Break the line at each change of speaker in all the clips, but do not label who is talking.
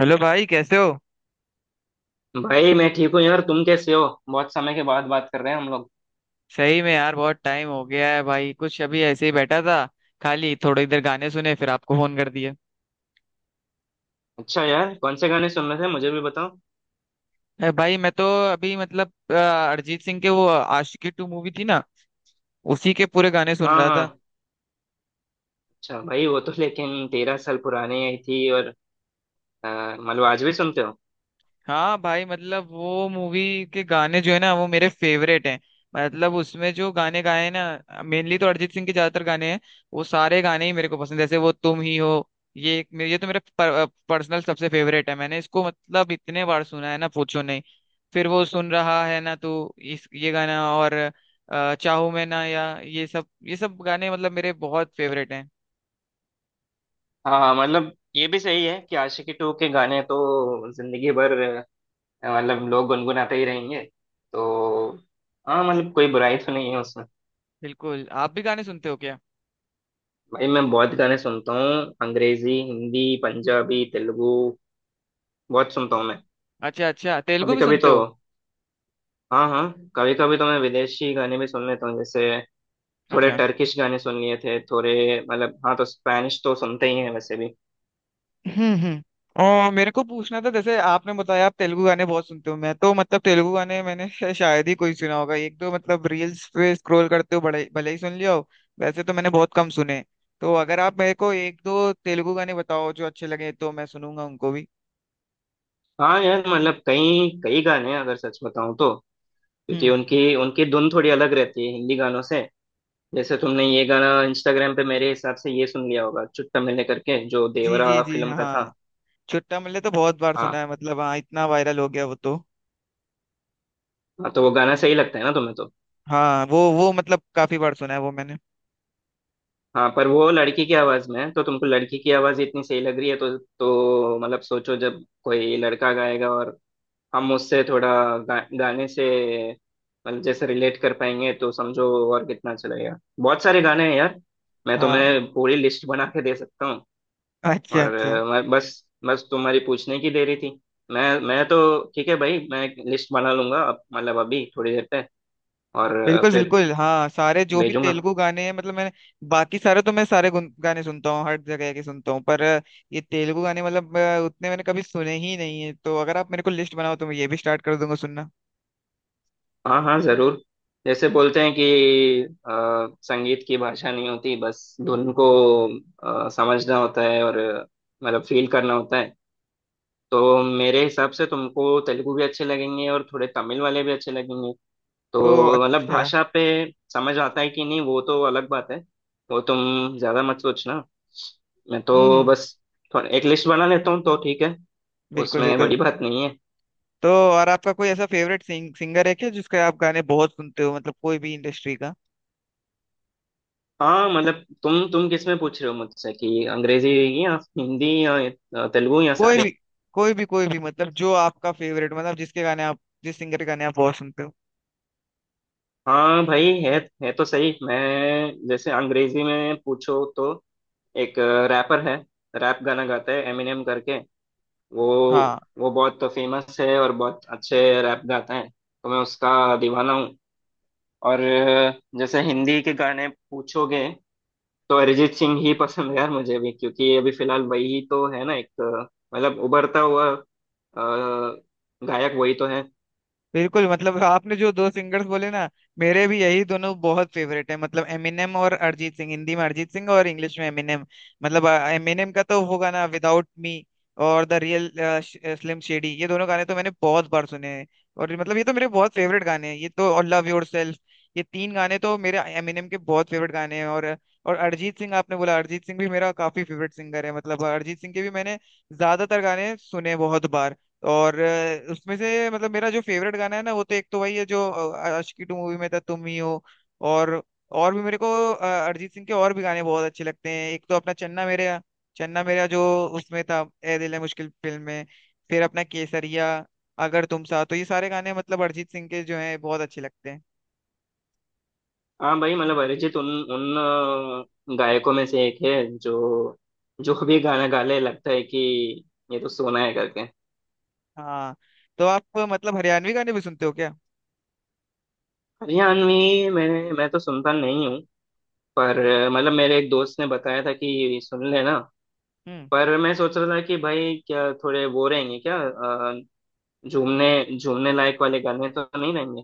Hello भाई, कैसे हो?
भाई मैं ठीक हूँ यार। तुम कैसे हो? बहुत समय के बाद बात कर रहे हैं हम लोग।
सही में यार, बहुत टाइम हो गया है भाई। कुछ अभी ऐसे ही बैठा था, खाली थोड़ी देर गाने सुने, फिर आपको फोन कर दिया।
अच्छा यार, कौन से गाने सुन रहे थे? मुझे भी बताओ।
अरे भाई, मैं तो अभी मतलब अरिजीत सिंह के, वो आशिकी टू मूवी थी ना। उसी के पूरे गाने सुन
हाँ,
रहा था।
हाँ। अच्छा भाई, वो तो लेकिन 13 साल पुराने आई थी और मतलब आज भी सुनते हो?
हाँ भाई, मतलब वो मूवी के गाने जो है ना, वो मेरे फेवरेट हैं। मतलब उसमें जो गाने गाए हैं ना, मेनली तो अरिजीत सिंह के ज्यादातर गाने हैं। वो सारे गाने ही मेरे को पसंद है, जैसे वो तुम ही हो। ये तो मेरा पर्सनल सबसे फेवरेट है, मैंने इसको मतलब इतने बार सुना है ना, पूछो नहीं। फिर वो सुन रहा है ना तू इस ये गाना, और चाहूं मैं ना, या ये सब गाने मतलब मेरे बहुत फेवरेट हैं।
हाँ, हाँ। मतलब ये भी सही है कि आशिकी टू के गाने तो जिंदगी भर मतलब लोग गुनगुनाते ही रहेंगे। तो हाँ, मतलब कोई बुराई तो नहीं है उसमें।
बिल्कुल। आप भी गाने सुनते हो क्या?
भाई मैं बहुत गाने सुनता हूँ। अंग्रेजी, हिंदी, पंजाबी, तेलुगु, बहुत सुनता हूँ मैं।
अच्छा अच्छा, तेलुगु
कभी
भी
कभी
सुनते
तो
हो?
हाँ, हाँ, कभी कभी तो मैं विदेशी गाने भी सुन लेता हूँ। जैसे थोड़े
अच्छा।
टर्किश गाने सुन लिए थे थोड़े। मतलब हाँ, तो स्पैनिश तो सुनते ही हैं वैसे भी।
हम्म हम्म और मेरे को पूछना था, जैसे आपने बताया आप तेलुगु गाने बहुत सुनते हो, मैं तो मतलब तेलुगु गाने मैंने शायद ही कोई सुना होगा, एक दो मतलब रील्स पे स्क्रॉल करते हो बड़े भले ही सुन लिया हो। वैसे तो मैंने बहुत कम सुने। तो अगर आप मेरे को एक दो तेलुगु गाने बताओ जो अच्छे लगे, तो मैं सुनूंगा उनको भी।
हाँ यार, मतलब कई कई गाने हैं, अगर सच बताऊँ तो। क्योंकि
हम्म।
उनकी उनकी धुन थोड़ी अलग रहती है हिंदी गानों से। जैसे तुमने ये गाना इंस्टाग्राम पे, मेरे हिसाब से ये सुन लिया होगा, चुट्टा मिलने करके, जो
जी जी
देवरा
जी,
फिल्म
हाँ।
का था।
चुट्टा मल्ले तो बहुत बार सुना
हाँ,
है मतलब, हाँ इतना वायरल हो गया वो तो।
हाँ। तो वो गाना सही लगता है ना तुम्हें तो?
हाँ, वो मतलब काफी बार सुना है वो मैंने।
हाँ, पर वो लड़की की आवाज में है, तो तुमको लड़की की आवाज इतनी सही लग रही है तो मतलब सोचो जब कोई लड़का गाएगा और हम उससे थोड़ा गाने से मतलब जैसे रिलेट कर पाएंगे तो समझो और कितना चलेगा। बहुत सारे गाने हैं यार, मैं
हाँ,
तुम्हें पूरी लिस्ट बना के दे सकता हूँ।
अच्छा
और
अच्छा।
मैं बस बस तुम्हारी पूछने की देरी थी। मैं तो, ठीक है भाई, मैं लिस्ट बना लूंगा अब, मतलब अभी थोड़ी देर पे। और
बिल्कुल
फिर
बिल्कुल, हाँ सारे जो भी
भेजूंगा।
तेलुगु गाने हैं मतलब मैंने बाकी सारे तो मैं सारे गाने सुनता हूँ, हर जगह के सुनता हूँ, पर ये तेलुगु गाने मतलब उतने मैंने कभी सुने ही नहीं है, तो अगर आप मेरे को लिस्ट बनाओ तो मैं ये भी स्टार्ट कर दूंगा सुनना।
हाँ, हाँ, जरूर। जैसे बोलते हैं कि संगीत की भाषा नहीं होती, बस धुन को समझना होता है और मतलब फील करना होता है। तो मेरे हिसाब से तुमको तेलुगु भी अच्छे लगेंगे और थोड़े तमिल वाले भी अच्छे लगेंगे।
ओ
तो मतलब
अच्छा।
भाषा पे समझ आता है कि नहीं वो तो अलग बात है। वो तुम ज्यादा मत सोचना। मैं तो
हम्म।
बस थोड़ा एक लिस्ट बना लेता हूँ तो ठीक है।
बिल्कुल
उसमें
बिल्कुल।
बड़ी बात नहीं है।
तो और आपका कोई ऐसा फेवरेट सिंगर है क्या, जिसके आप गाने बहुत सुनते हो, मतलब कोई भी इंडस्ट्री का?
हाँ मतलब तुम किस में पूछ रहे हो मुझसे? कि अंग्रेजी या हिंदी या तेलुगु या
कोई भी।
सारे?
कोई भी कोई भी, मतलब जो आपका फेवरेट, मतलब जिस सिंगर के गाने आप बहुत सुनते हो।
हाँ भाई, है। है तो सही। मैं जैसे अंग्रेजी में पूछो तो एक रैपर है, रैप गाना गाता है, एमिनेम करके। वो
हाँ।
वो बहुत फेमस है और बहुत अच्छे रैप गाता है, तो मैं उसका दीवाना हूँ। और जैसे हिंदी के गाने पूछोगे तो अरिजीत सिंह ही पसंद है यार, मुझे भी। क्योंकि अभी फिलहाल वही तो है ना, एक मतलब उभरता हुआ गायक वही तो है।
बिल्कुल, मतलब आपने जो दो सिंगर्स बोले ना, मेरे भी यही दोनों बहुत फेवरेट है, मतलब एमिनेम और अरिजीत सिंह, हिंदी में अरिजीत सिंह और इंग्लिश में एमिनेम। मतलब एमिनेम का तो वो गाना विदाउट मी और द रियल स्लिम शेडी, ये दोनों गाने तो मैंने बहुत बार सुने हैं। और मतलब ये तो मेरे बहुत फेवरेट गाने हैं ये तो, और लव योरसेल्फ, ये तीन गाने तो मेरे एमिनेम के बहुत फेवरेट गाने हैं। और अरिजीत सिंह आपने बोला, अरिजीत सिंह भी मेरा काफी फेवरेट सिंगर है, मतलब अरिजीत सिंह के भी मैंने ज्यादातर गाने सुने बहुत बार। और उसमें से मतलब मेरा जो फेवरेट गाना है ना, वो तो एक तो वही है जो आशिकी टू मूवी में था, तुम ही हो। और और भी मेरे को अरिजीत सिंह के और भी गाने बहुत अच्छे लगते हैं। एक तो अपना चन्ना मेरेया, चन्ना मेरेया जो उसमें था, ए दिल है मुश्किल फिल्म में। फिर अपना केसरिया, अगर तुम साथ हो, तो ये सारे गाने मतलब अरिजीत सिंह के जो हैं बहुत अच्छे लगते हैं।
हाँ भाई, मतलब अरिजीत उन उन गायकों में से एक है जो, जो भी गाना गा ले, लगता है कि ये तो सोना है करके।
हाँ, तो आप मतलब हरियाणवी गाने भी सुनते हो क्या?
हरियाणवी? मैं तो सुनता नहीं हूँ। पर मतलब मेरे एक दोस्त ने बताया था कि ये सुन लेना।
हम्म।
पर मैं सोच रहा था कि भाई क्या थोड़े वो रहेंगे क्या झूमने, झूमने लायक वाले गाने तो नहीं रहेंगे?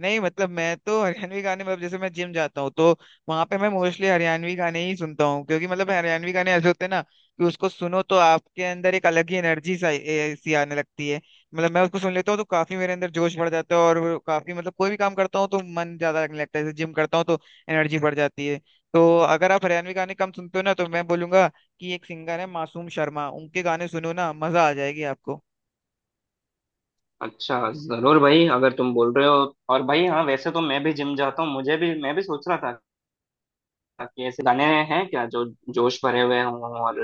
नहीं मतलब मैं तो हरियाणवी गाने, मतलब जैसे मैं जिम जाता हूँ तो वहां पे मैं मोस्टली हरियाणवी गाने ही सुनता हूँ, क्योंकि मतलब हरियाणवी गाने ऐसे होते हैं ना कि उसको सुनो तो आपके अंदर एक अलग ही एनर्जी सी आने लगती है। मतलब मैं उसको सुन लेता हूँ तो काफी मेरे अंदर जोश बढ़ जाता है, और वो काफी मतलब कोई भी काम करता हूँ तो मन ज्यादा लगने लगता है, जैसे जिम करता हूँ तो एनर्जी बढ़ जाती है। तो अगर आप हरियाणवी गाने कम सुनते हो ना, तो मैं बोलूंगा कि एक सिंगर है मासूम शर्मा, उनके गाने सुनो ना, मजा आ जाएगी आपको।
अच्छा जरूर भाई, अगर तुम बोल रहे हो। और भाई हाँ, वैसे तो मैं भी जिम जाता हूँ, मुझे भी मैं भी सोच रहा था कि ऐसे गाने हैं क्या जो जोश भरे हुए हों और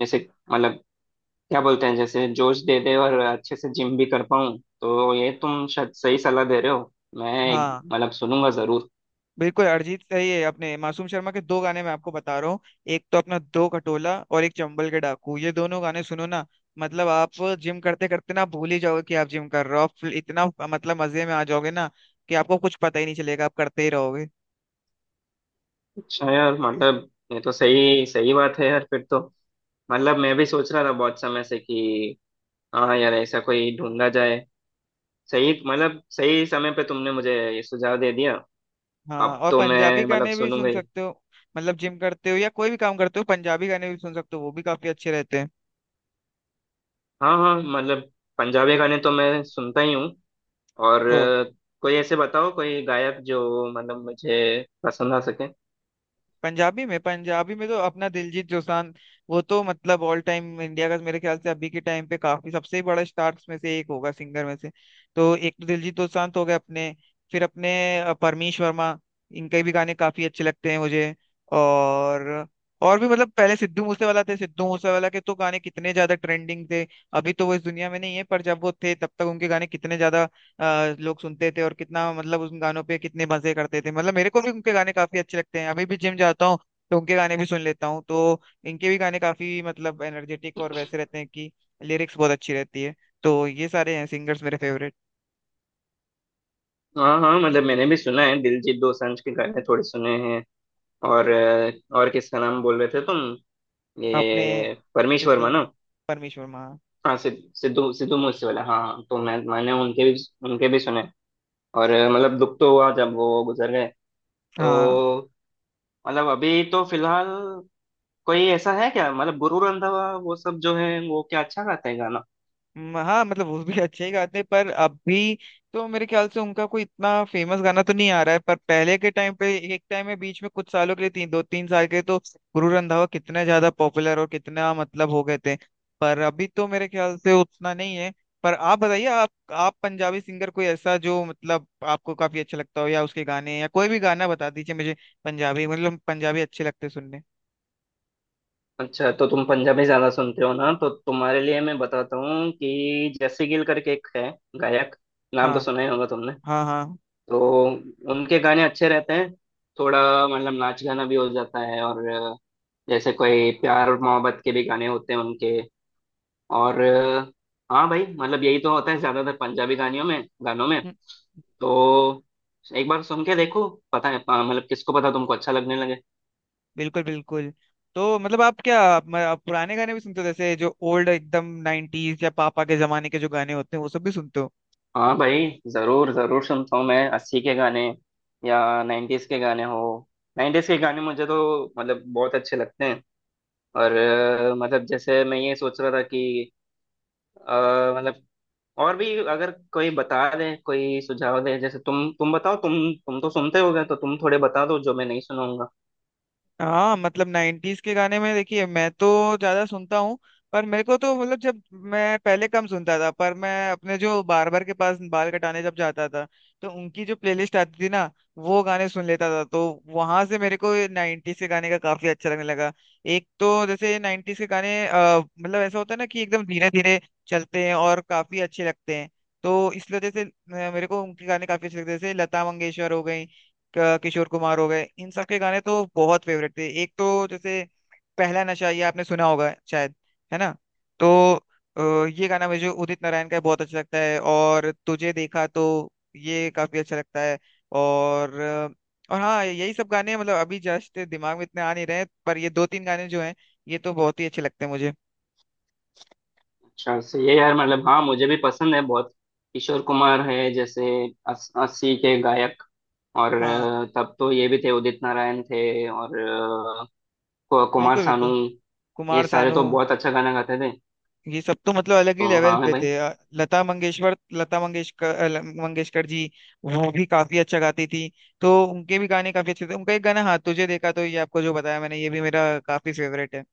जैसे मतलब क्या बोलते हैं, जैसे जोश दे दे और अच्छे से जिम भी कर पाऊँ। तो ये तुम शायद सही सलाह दे रहे हो।
हाँ
मतलब सुनूंगा जरूर।
बिल्कुल, अरिजीत सही है, अपने मासूम शर्मा के दो गाने मैं आपको बता रहा हूँ। एक तो अपना दो खटोला और एक चंबल के डाकू, ये दोनों गाने सुनो ना। मतलब आप जिम करते करते ना भूल ही जाओगे कि आप जिम कर रहे हो, आप इतना मतलब मजे में आ जाओगे ना, कि आपको कुछ पता ही नहीं चलेगा, आप करते ही रहोगे।
अच्छा यार मतलब ये तो सही सही बात है यार, फिर तो मतलब मैं भी सोच रहा था बहुत समय से कि हाँ यार ऐसा कोई ढूंढा जाए। सही मतलब सही समय पे तुमने मुझे ये सुझाव दे दिया।
हाँ,
अब
और
तो
पंजाबी
मैं मतलब
गाने भी सुन
सुनूंगा ही।
सकते हो। मतलब जिम करते हो या कोई भी काम करते हो, पंजाबी गाने भी सुन सकते हो, वो भी काफी अच्छे रहते
हाँ, हाँ, मतलब पंजाबी गाने तो मैं सुनता ही हूँ। और
हैं।
कोई ऐसे बताओ कोई गायक जो मतलब मुझे पसंद आ सके।
पंजाबी में तो अपना दिलजीत दोसांझ, वो तो मतलब ऑल टाइम इंडिया का मेरे ख्याल से अभी के टाइम पे काफी सबसे बड़ा स्टार्स में से एक होगा सिंगर में से। तो एक तो दिलजीत दोसांझ हो गए अपने, फिर अपने परमीश वर्मा, इनके भी गाने काफी अच्छे लगते हैं मुझे। और और भी मतलब पहले सिद्धू मूसेवाला थे, सिद्धू मूसेवाला के तो गाने कितने ज्यादा ट्रेंडिंग थे। अभी तो वो इस दुनिया में नहीं है, पर जब वो थे तब तक उनके गाने कितने ज्यादा लोग सुनते थे, और कितना मतलब उन गानों पे कितने मजे करते थे। मतलब मेरे को भी उनके गाने काफी अच्छे लगते हैं, अभी भी जिम जाता हूँ तो उनके गाने भी सुन लेता हूँ, तो इनके भी गाने काफी मतलब एनर्जेटिक और वैसे रहते हैं कि लिरिक्स बहुत अच्छी रहती है। तो ये सारे हैं सिंगर्स मेरे फेवरेट।
हाँ, हाँ, मतलब मैंने भी सुना है, दिलजीत दोसांझ के गाने थोड़े सुने हैं। और और किसका नाम बोल रहे थे तुम?
अपने
ये परमीश
सिद्धू
वर्मा ना?
परमेश्वर महा,
हाँ, सिद्धू सिद्धू मूसे वाला, हाँ, हाँ, तो मैंने उनके भी सुने। और मतलब दुख तो हुआ जब वो गुजर गए।
हाँ।
तो मतलब अभी तो फिलहाल कोई ऐसा है क्या? मतलब गुरु रंधावा, वो सब, जो है वो क्या अच्छा गाते हैं गाना?
हाँ मतलब वो भी अच्छे ही गाते हैं, पर अभी तो मेरे ख्याल से उनका कोई इतना फेमस गाना तो नहीं आ रहा है, पर पहले के टाइम पे एक टाइम में बीच में कुछ सालों के लिए, तीन दो तीन साल के तो गुरु रंधावा कितने ज्यादा पॉपुलर और कितना मतलब हो गए थे। पर अभी तो मेरे ख्याल से उतना नहीं है। पर आप बताइए, आप पंजाबी सिंगर कोई ऐसा जो मतलब आपको काफी अच्छा लगता हो, या उसके गाने या कोई भी गाना बता दीजिए मुझे, पंजाबी, मतलब पंजाबी अच्छे लगते सुनने।
अच्छा तो तुम पंजाबी ज्यादा सुनते हो ना, तो तुम्हारे लिए मैं बताता हूँ कि जैसी गिल करके एक है गायक, नाम तो
हाँ
सुना ही होगा तुमने।
हाँ। हाँ।
तो उनके गाने अच्छे रहते हैं, थोड़ा मतलब नाच गाना भी हो जाता है और जैसे कोई प्यार और मोहब्बत के भी गाने होते हैं उनके। और हाँ भाई, मतलब यही तो होता है ज्यादातर पंजाबी गानियों में, गानों में।
हम्म।
तो एक बार सुन के देखो। पता है, मतलब किसको पता, तुमको अच्छा लगने लगे।
बिल्कुल बिल्कुल। तो मतलब आप क्या आप, मैं- आप पुराने गाने भी सुनते हो, जैसे जो ओल्ड एकदम नाइनटीज या पापा के जमाने के जो गाने होते हैं वो सब भी सुनते हो?
हाँ भाई, जरूर जरूर सुनता हूँ मैं 80 के गाने या 90s के गाने हो। 90s के गाने मुझे तो मतलब बहुत अच्छे लगते हैं। और मतलब जैसे मैं ये सोच रहा था कि अ, मतलब और भी अगर कोई बता दे, कोई सुझाव दे, जैसे तुम बताओ, तुम तो सुनते होगे तो तुम थोड़े बता दो जो मैं नहीं सुनाऊंगा।
हाँ मतलब नाइन्टीज के गाने में देखिए, मैं तो ज्यादा सुनता हूँ। पर मेरे को तो मतलब जब मैं पहले कम सुनता था, पर मैं अपने जो बार्बर के पास बाल कटाने जब जाता था, तो उनकी जो प्लेलिस्ट आती थी ना, वो गाने सुन लेता था, तो वहां से मेरे को नाइन्टीज के गाने का काफी अच्छा लगने लगा। एक तो जैसे नाइन्टीज के गाने मतलब ऐसा होता है ना कि एकदम धीरे धीरे चलते हैं और काफी अच्छे लगते हैं। तो इस वजह से मेरे को उनके गाने काफी अच्छे लगते हैं, जैसे लता मंगेशकर हो गई, किशोर कुमार हो गए, इन सब के गाने तो बहुत फेवरेट थे। एक तो जैसे पहला नशा, ये आपने सुना होगा शायद, है ना? तो ये गाना मुझे उदित नारायण का बहुत अच्छा लगता है, और तुझे देखा तो, ये काफी अच्छा लगता है। और अ, और हाँ यही सब गाने, मतलब अभी जस्ट दिमाग में इतने आ नहीं रहे हैं, पर ये दो तीन गाने जो हैं ये तो बहुत ही अच्छे लगते हैं मुझे।
अच्छा सही है यार, मतलब हाँ, मुझे भी पसंद है बहुत। किशोर कुमार है जैसे 80 के गायक। और
हाँ
तब तो ये भी थे, उदित नारायण थे, और कुमार
बिल्कुल
सानू।
बिल्कुल,
ये
कुमार
सारे
सानू,
तो बहुत अच्छा गाना गाते थे।
ये सब तो मतलब अलग ही
तो
लेवल
हाँ, है
पे
भाई।
थे। लता मंगेशकर लता मंगेशकर, मंगेशकर जी वो भी काफी अच्छा गाती थी, तो उनके भी गाने काफी अच्छे थे। उनका एक गाना, हाँ तुझे देखा तो, ये आपको जो बताया मैंने, ये भी मेरा काफी फेवरेट है।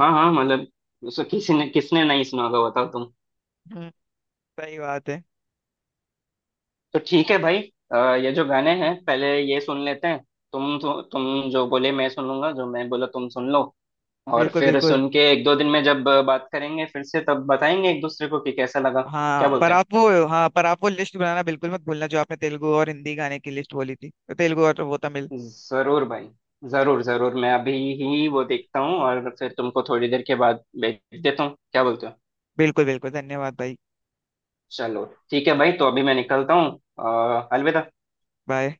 हाँ, हाँ मतलब उसको किसी ने, किसने नहीं सुना होगा बताओ।
हम्म, सही बात है।
तो ठीक है भाई। अ, ये जो गाने हैं पहले ये सुन लेते हैं। तुम तो, तुम जो बोले मैं सुन लूंगा, जो मैं बोला तुम सुन लो। और
बिल्कुल
फिर
बिल्कुल।
सुन के एक दो दिन में जब बात करेंगे फिर से तब बताएंगे एक दूसरे को कि कैसा लगा। क्या बोलते हो?
हाँ पर आप वो लिस्ट बनाना बिल्कुल मत भूलना, जो आपने तेलुगु और हिंदी गाने की लिस्ट बोली थी, तो तेलुगु और वो तमिल।
जरूर भाई, जरूर जरूर। मैं अभी ही वो देखता हूँ और फिर तुमको थोड़ी देर के बाद भेज देता हूँ। क्या बोलते हो?
बिल्कुल बिल्कुल, धन्यवाद भाई।
चलो, ठीक है भाई, तो अभी मैं निकलता हूँ। अलविदा।
बाय।